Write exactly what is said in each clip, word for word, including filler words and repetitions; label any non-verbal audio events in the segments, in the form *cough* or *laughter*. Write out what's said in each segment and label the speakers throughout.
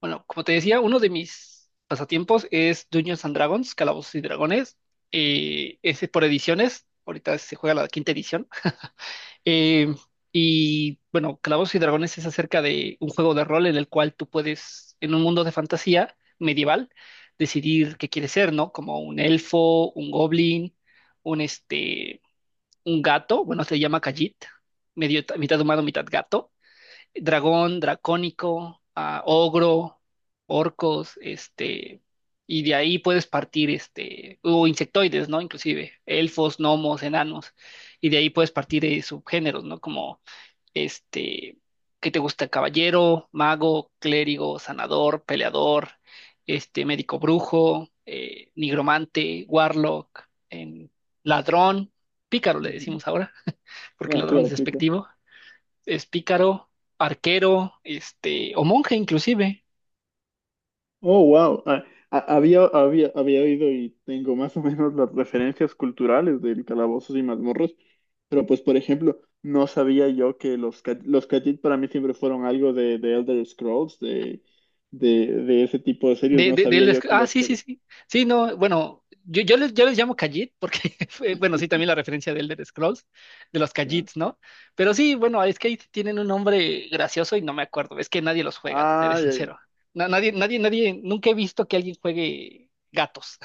Speaker 1: Bueno, como te decía, uno de mis pasatiempos es Dungeons and Dragons, Calabozos y Dragones. Eh, ese por ediciones. Ahorita se juega la quinta edición. Eh, y bueno, Calabozos y Dragones es acerca de un juego de rol en el cual tú puedes, en un mundo de fantasía medieval, decidir qué quieres ser, ¿no? Como un elfo, un goblin, un este, un gato. Bueno, se llama Khajiit, medio mitad humano, mitad gato dragón, dracónico, ah, ogro, orcos, este, y de ahí puedes partir, este, o insectoides, ¿no? Inclusive, elfos, gnomos, enanos, y de ahí puedes partir eh, subgéneros, ¿no? Como, este, ¿qué te gusta? Caballero, mago, clérigo, sanador, peleador, este, médico brujo, eh, nigromante, warlock, em, ladrón, pícaro le
Speaker 2: Ujú.
Speaker 1: decimos ahora, *laughs* porque
Speaker 2: Ah,
Speaker 1: ladrón
Speaker 2: claro,
Speaker 1: es
Speaker 2: aplica.
Speaker 1: despectivo es pícaro, arquero, este, o monje inclusive.
Speaker 2: Oh, wow. Ah, ha- había, había, había oído y tengo más o menos las referencias culturales del Calabozos y Mazmorros, pero pues, por ejemplo, no sabía yo que los, ca- los Khajiit para mí siempre fueron algo de, de Elder Scrolls, de, de, de ese tipo de series.
Speaker 1: De,
Speaker 2: No
Speaker 1: de, de
Speaker 2: sabía
Speaker 1: él es-
Speaker 2: yo que
Speaker 1: ah,
Speaker 2: los
Speaker 1: Sí, sí,
Speaker 2: Khajiit.
Speaker 1: sí. Sí, no, bueno, yo, yo, les, yo les llamo Khajiit porque, *laughs* fue- bueno, sí, también la referencia de Elder Scrolls, de los
Speaker 2: Ya.
Speaker 1: Khajiits, ¿no? Pero sí, bueno, es que ahí tienen un nombre gracioso y no me acuerdo. Es que nadie los juega, te seré
Speaker 2: Ah, ya, ya.
Speaker 1: sincero. Na- nadie, nadie, nadie, nunca he visto que alguien juegue gatos.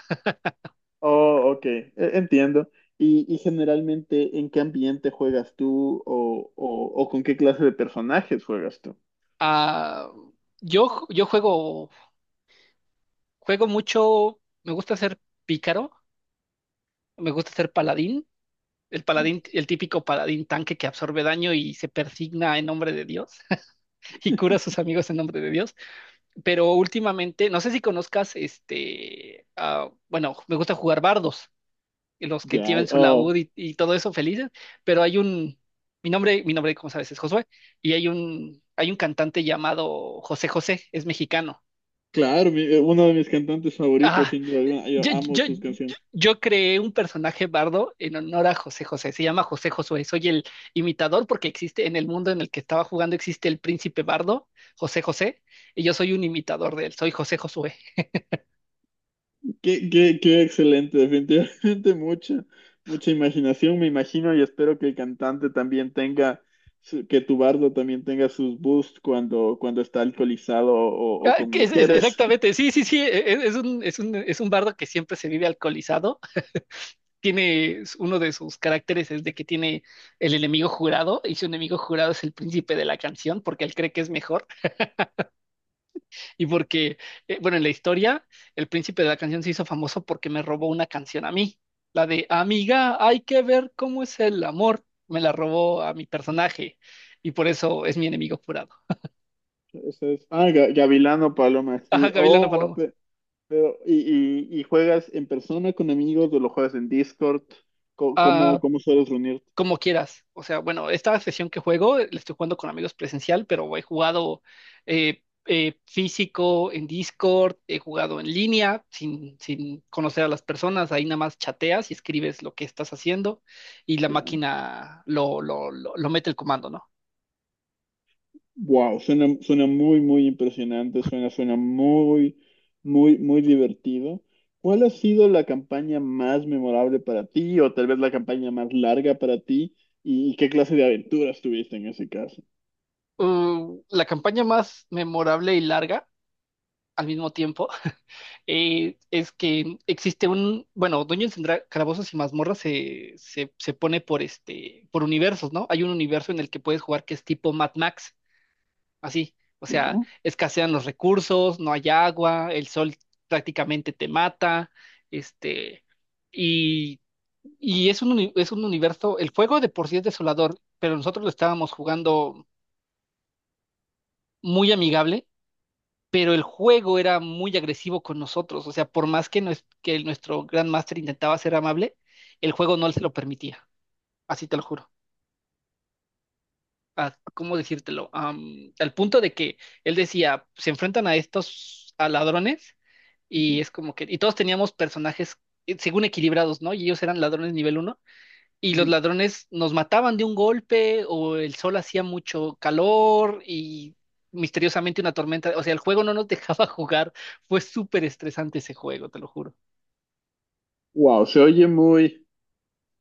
Speaker 2: Oh, ok. E- Entiendo. Y, y generalmente, ¿en qué ambiente juegas tú o, o, o con qué clase de personajes juegas tú?
Speaker 1: Ah, yo, ju- yo juego, juego mucho, me gusta ser pícaro, me gusta ser paladín. El paladín, el típico paladín tanque que absorbe daño y se persigna en nombre de Dios *laughs* y cura a sus amigos en nombre de Dios. Pero últimamente, no sé si conozcas este, ah, bueno, me gusta jugar bardos, los que
Speaker 2: Ya,
Speaker 1: tienen su
Speaker 2: oh.
Speaker 1: laúd y, y todo eso felices, pero hay un, mi nombre, mi nombre, como sabes, es Josué, y hay un, hay un cantante llamado José José, es mexicano.
Speaker 2: Claro, mi- eh, uno de mis cantantes favoritos,
Speaker 1: Ah,
Speaker 2: sin duda alguna. Yo
Speaker 1: Yo,
Speaker 2: amo
Speaker 1: yo,
Speaker 2: sus canciones.
Speaker 1: yo- creé un personaje bardo en honor a José José. Se llama José Josué. Soy el imitador porque existe en el mundo en el que estaba jugando, existe el príncipe bardo, José José, y yo soy un imitador de él. Soy José Josué.
Speaker 2: Qué, qué, qué excelente, definitivamente *laughs* mucha, mucha imaginación, me imagino, y espero que el cantante también tenga, su- que tu bardo también tenga sus boosts cuando, cuando está alcoholizado o, o
Speaker 1: Ah,
Speaker 2: con
Speaker 1: que es- es-
Speaker 2: mujeres. *laughs*
Speaker 1: exactamente. Sí, sí, sí. e- e- Es, un, es un, es un bardo que siempre se vive alcoholizado. Tiene uno de sus caracteres es de que tiene el enemigo jurado y su enemigo jurado es el príncipe de la canción porque él cree que es mejor. Y porque, eh, bueno, en la historia, el príncipe de la canción se hizo famoso porque me robó una canción a mí. La de Amiga, hay que ver cómo es el amor. Me la robó a mi personaje y por eso es mi enemigo jurado.
Speaker 2: Eso es. Ah, Ga- Gavilano Paloma,
Speaker 1: Ajá,
Speaker 2: sí. Oh,
Speaker 1: Gavilano
Speaker 2: wow,
Speaker 1: Paloma.
Speaker 2: pe- pero, ¿y, y, y juegas en persona con amigos o lo juegas en Discord? Co- ¿Cómo,
Speaker 1: Ah,
Speaker 2: cómo sueles reunirte?
Speaker 1: Como quieras. O sea, bueno, esta sesión que juego, eh, la estoy jugando con amigos presencial, pero he jugado eh, eh, físico en Discord, he jugado en línea, sin, sin conocer a las personas, ahí nada más chateas y escribes lo que estás haciendo y la máquina lo, lo, lo, lo mete el comando, ¿no?
Speaker 2: Wow, suena, suena muy, muy impresionante, suena, suena muy, muy, muy divertido. ¿Cuál ha sido la campaña más memorable para ti o tal vez la campaña más larga para ti? ¿Y qué clase de aventuras tuviste en ese caso?
Speaker 1: Uh, la campaña más memorable y larga al mismo tiempo eh, es que existe un, bueno, Dungeons and Dra- Calabozos y Mazmorras se, se, se pone por este, por universos, ¿no? Hay un universo en el que puedes jugar que es tipo Mad Max, así, o sea,
Speaker 2: ¿No?
Speaker 1: escasean los recursos, no hay agua, el sol prácticamente te mata, este, y, y es un, uni- es un universo, el juego de por sí es desolador, pero nosotros lo estábamos jugando muy amigable pero el juego era muy agresivo con nosotros, o sea, por más que, nues- que el- nuestro Grandmaster intentaba ser amable, el juego no se lo permitía, así te lo juro. Ah, ¿cómo decírtelo? Am, al punto de que él decía, se enfrentan a estos a ladrones y es como que, y todos teníamos personajes eh, según equilibrados, ¿no? Y ellos eran ladrones nivel uno y los ladrones nos mataban de un golpe o el sol hacía mucho calor y misteriosamente una tormenta. O sea, el juego no nos dejaba *laughs* jugar. Fue súper estresante ese juego, te lo juro.
Speaker 2: Wow, se oye muy,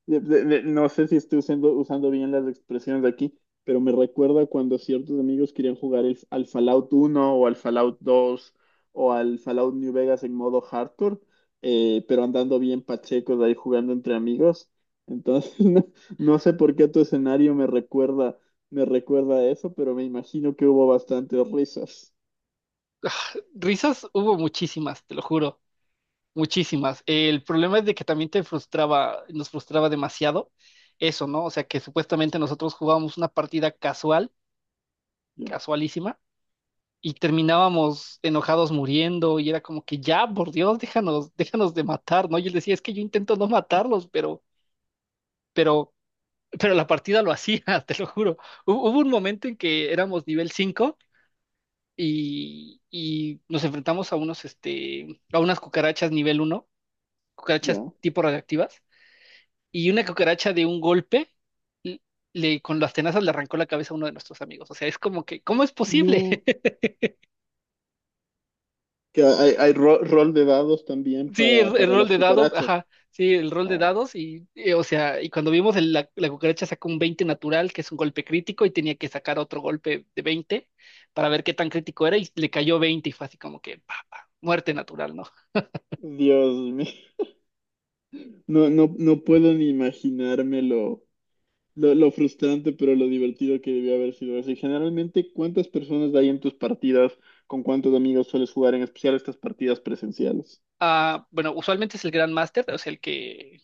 Speaker 2: de- de- de- no sé si estoy usando, usando bien las expresiones de aquí, pero me recuerda cuando ciertos amigos querían jugar el- al Fallout uno o al Fallout dos o al Fallout New Vegas en modo hardcore, eh, pero andando bien pachecos ahí jugando entre amigos. Entonces, *laughs* no, no sé por qué tu escenario me recuerda, me recuerda a eso, pero me imagino que hubo bastantes risas.
Speaker 1: Risas hubo muchísimas, te lo juro, muchísimas. El problema es de que también te frustraba, nos frustraba demasiado eso, ¿no? O sea, que supuestamente nosotros jugábamos una partida casual,
Speaker 2: Ya,
Speaker 1: casualísima y terminábamos enojados muriendo y era como que ya, por Dios, déjanos, déjanos de matar, ¿no? Y él decía, es que yo intento no matarlos, pero, pero, pero la partida lo hacía, *laughs* te lo juro. Hu- Hubo un momento en que éramos nivel cinco y, y nos enfrentamos a unos, este, a unas cucarachas nivel uno cucarachas
Speaker 2: ya.
Speaker 1: tipo radioactivas, y una cucaracha de un golpe. l- Le, con las tenazas le arrancó la cabeza a uno de nuestros amigos. O sea, es como que, ¿cómo es posible?
Speaker 2: No, que hay, hay ro- rol de dados también
Speaker 1: Sí,
Speaker 2: para,
Speaker 1: el, el
Speaker 2: para
Speaker 1: rol
Speaker 2: las
Speaker 1: de dados,
Speaker 2: cucarachas.
Speaker 1: ajá, sí, el rol de
Speaker 2: Oh,
Speaker 1: dados y, eh, o sea, y cuando vimos el- la, la cucaracha sacó un veinte natural, que es un golpe crítico, y tenía que sacar otro golpe de veinte para ver qué tan crítico era, y le cayó veinte y fue así como que, pa, pa, muerte natural, ¿no?
Speaker 2: Dios mío. No, no, no puedo ni imaginarme lo, lo, lo frustrante, pero lo divertido que debió haber sido eso. Y generalmente, ¿cuántas personas hay en tus partidas? ¿Con cuántos amigos sueles jugar, en especial estas partidas presenciales?
Speaker 1: Ah, bueno, usualmente es el Grand Master, o sea, el que,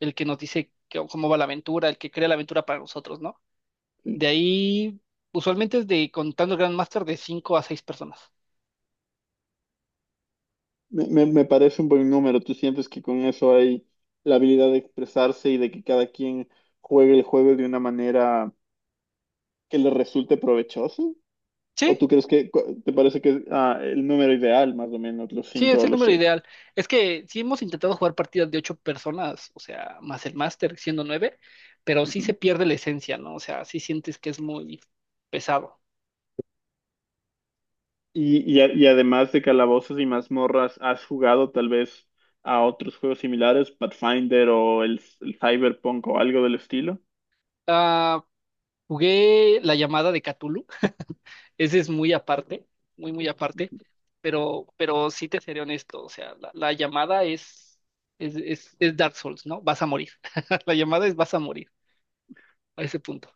Speaker 1: el que nos dice que- cómo va la aventura, el que crea la aventura para nosotros, ¿no?
Speaker 2: Sí.
Speaker 1: De ahí, usualmente es de, contando el Grand Master, de cinco a seis personas.
Speaker 2: Me, me- me parece un buen número. ¿Tú sientes que con eso hay la habilidad de expresarse y de que cada quien juegue el juego de una manera que le resulte provechosa? ¿O
Speaker 1: ¿Sí?
Speaker 2: tú crees que cu- te parece que es ah, el número ideal, más o menos, los
Speaker 1: Sí,
Speaker 2: cinco
Speaker 1: es
Speaker 2: o
Speaker 1: el
Speaker 2: los
Speaker 1: número
Speaker 2: seis?
Speaker 1: ideal. Es que sí hemos intentado jugar partidas de ocho personas, o sea, más el máster siendo nueve, pero sí se
Speaker 2: Ujú.
Speaker 1: pierde la esencia, ¿no? O sea, sí sientes que es muy pesado.
Speaker 2: Y, y, a- y además de Calabozos y Mazmorras, ¿has jugado tal vez a otros juegos similares, Pathfinder o el, el Cyberpunk o algo del estilo?
Speaker 1: Ah, jugué la llamada de Cthulhu, *laughs* ese es muy aparte, muy, muy aparte, pero, pero sí te seré honesto, o sea, la, la llamada es, es, es, es Dark Souls, ¿no? Vas a morir. *laughs* La llamada es vas a morir a ese punto.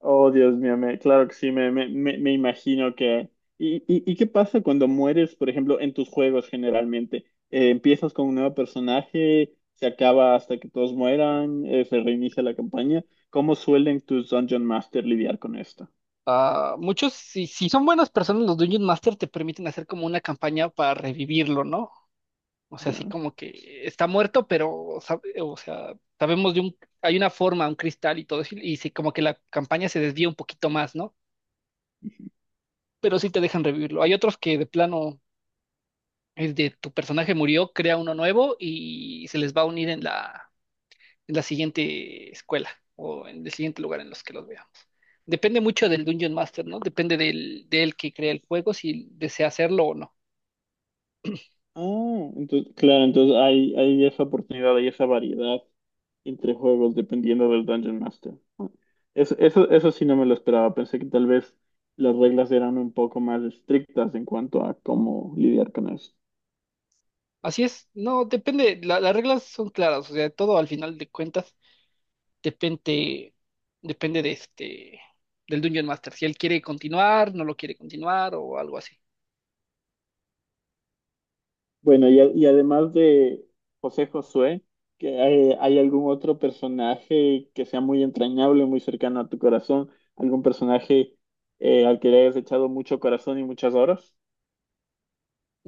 Speaker 2: Oh, Dios mío, me- claro que sí, me, me, me- me imagino que. ¿Y, y, y qué pasa cuando mueres, por ejemplo, en tus juegos generalmente? Eh, ¿empiezas con un nuevo personaje? ¿Se acaba hasta que todos mueran? Eh, ¿se reinicia la campaña? ¿Cómo suelen tus Dungeon Master lidiar con esto?
Speaker 1: Ah, muchos, si, si son buenas personas, los Dungeon Master te permiten hacer como una campaña para revivirlo, ¿no? O sea, así
Speaker 2: Ya.
Speaker 1: como que está muerto, pero, sab- o sea, sabemos de un, hay una forma, un cristal y todo eso, y sí, como que la campaña se desvía un poquito más, ¿no? Pero sí te dejan revivirlo. Hay otros que de plano es de tu personaje murió, crea uno nuevo y se les va a unir en la, en la siguiente escuela o en el siguiente lugar en los que los veamos. Depende mucho del Dungeon Master, ¿no? Depende del, del que crea el juego, si desea hacerlo o no.
Speaker 2: Ah, entonces, claro, entonces hay, hay esa oportunidad, hay esa variedad entre juegos dependiendo del Dungeon Master. Ah, Eso, eso, eso sí no me lo esperaba. Pensé que tal vez las reglas eran un poco más estrictas en cuanto a cómo lidiar con eso.
Speaker 1: Así es, no, depende, la- las reglas son claras, o sea, todo al final de cuentas depende, depende de este, del Dungeon Master, si él quiere continuar, no lo quiere continuar o algo así.
Speaker 2: Bueno, y, a- y además de José Josué, ¿que hay, hay algún otro personaje que sea muy entrañable, muy cercano a tu corazón? ¿Algún personaje eh, al que le hayas echado mucho corazón y muchas horas?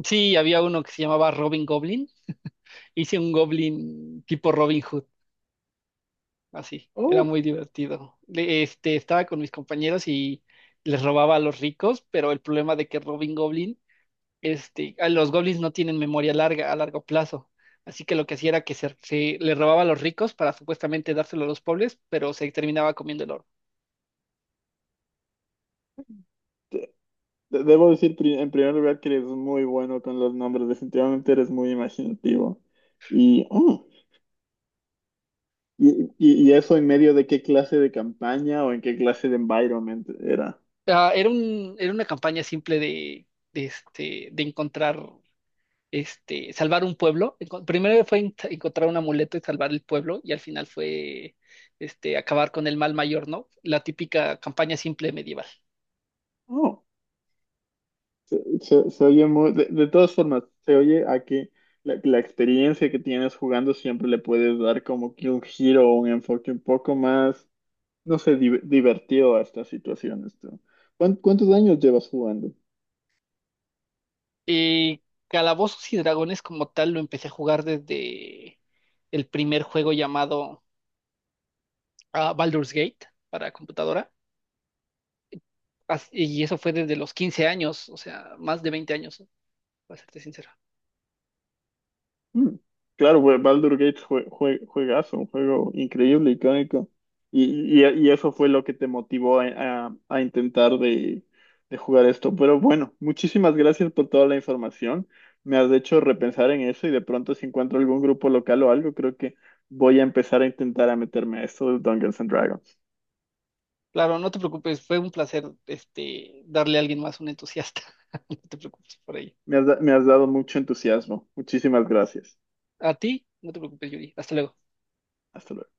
Speaker 1: Sí, había uno que se llamaba Robin Goblin, hice un Goblin tipo Robin Hood así. Era
Speaker 2: ¡Oh!
Speaker 1: muy divertido. Le- Este, estaba con mis compañeros y les robaba a los ricos, pero el problema de que Robin Goblin, este, a los goblins no tienen memoria larga, a largo plazo. Así que lo que hacía era que se, se le robaba a los ricos para supuestamente dárselo a los pobres, pero se terminaba comiendo el oro.
Speaker 2: de- debo decir pri- en primer lugar que eres muy bueno con los nombres, definitivamente eres muy imaginativo. Y, oh, y, y- y eso en medio de qué clase de campaña o en qué clase de environment era.
Speaker 1: Ah, era un, era una campaña simple de, de, este, de encontrar este, salvar un pueblo. Enco- Primero fue en- encontrar un amuleto y salvar el pueblo, y al final fue este, acabar con el mal mayor, ¿no? La típica campaña simple medieval.
Speaker 2: Oh, se, se- se oye muy, de, de todas formas, se oye a que la, la experiencia que tienes jugando siempre le puedes dar como que un giro o un enfoque un poco más, no sé, di- divertido a estas situaciones, tú. ¿Cuán- ¿Cuántos años llevas jugando?
Speaker 1: Y Calabozos y Dragones como tal lo empecé a jugar desde el primer juego llamado ah, Baldur's Gate para computadora. As- Y eso fue desde los quince años, o sea, más de veinte años, ¿eh? Para serte sincero.
Speaker 2: Mm, Claro, pues Baldur's Gate fue, fue juegazo, un juego increíble, icónico. Y, y, y eso fue lo que te motivó a, a- a intentar de, de jugar esto. Pero bueno, muchísimas gracias por toda la información. Me has hecho repensar en eso y de pronto si encuentro algún grupo local o algo, creo que voy a empezar a intentar a meterme a esto de Dungeons and Dragons.
Speaker 1: Claro, no te preocupes, fue un placer este, darle a alguien más un entusiasta. *laughs* No te preocupes por ello.
Speaker 2: Me has, da- me has dado mucho entusiasmo. Muchísimas gracias.
Speaker 1: A ti, no te preocupes, Yuri. Hasta luego.
Speaker 2: Hasta luego.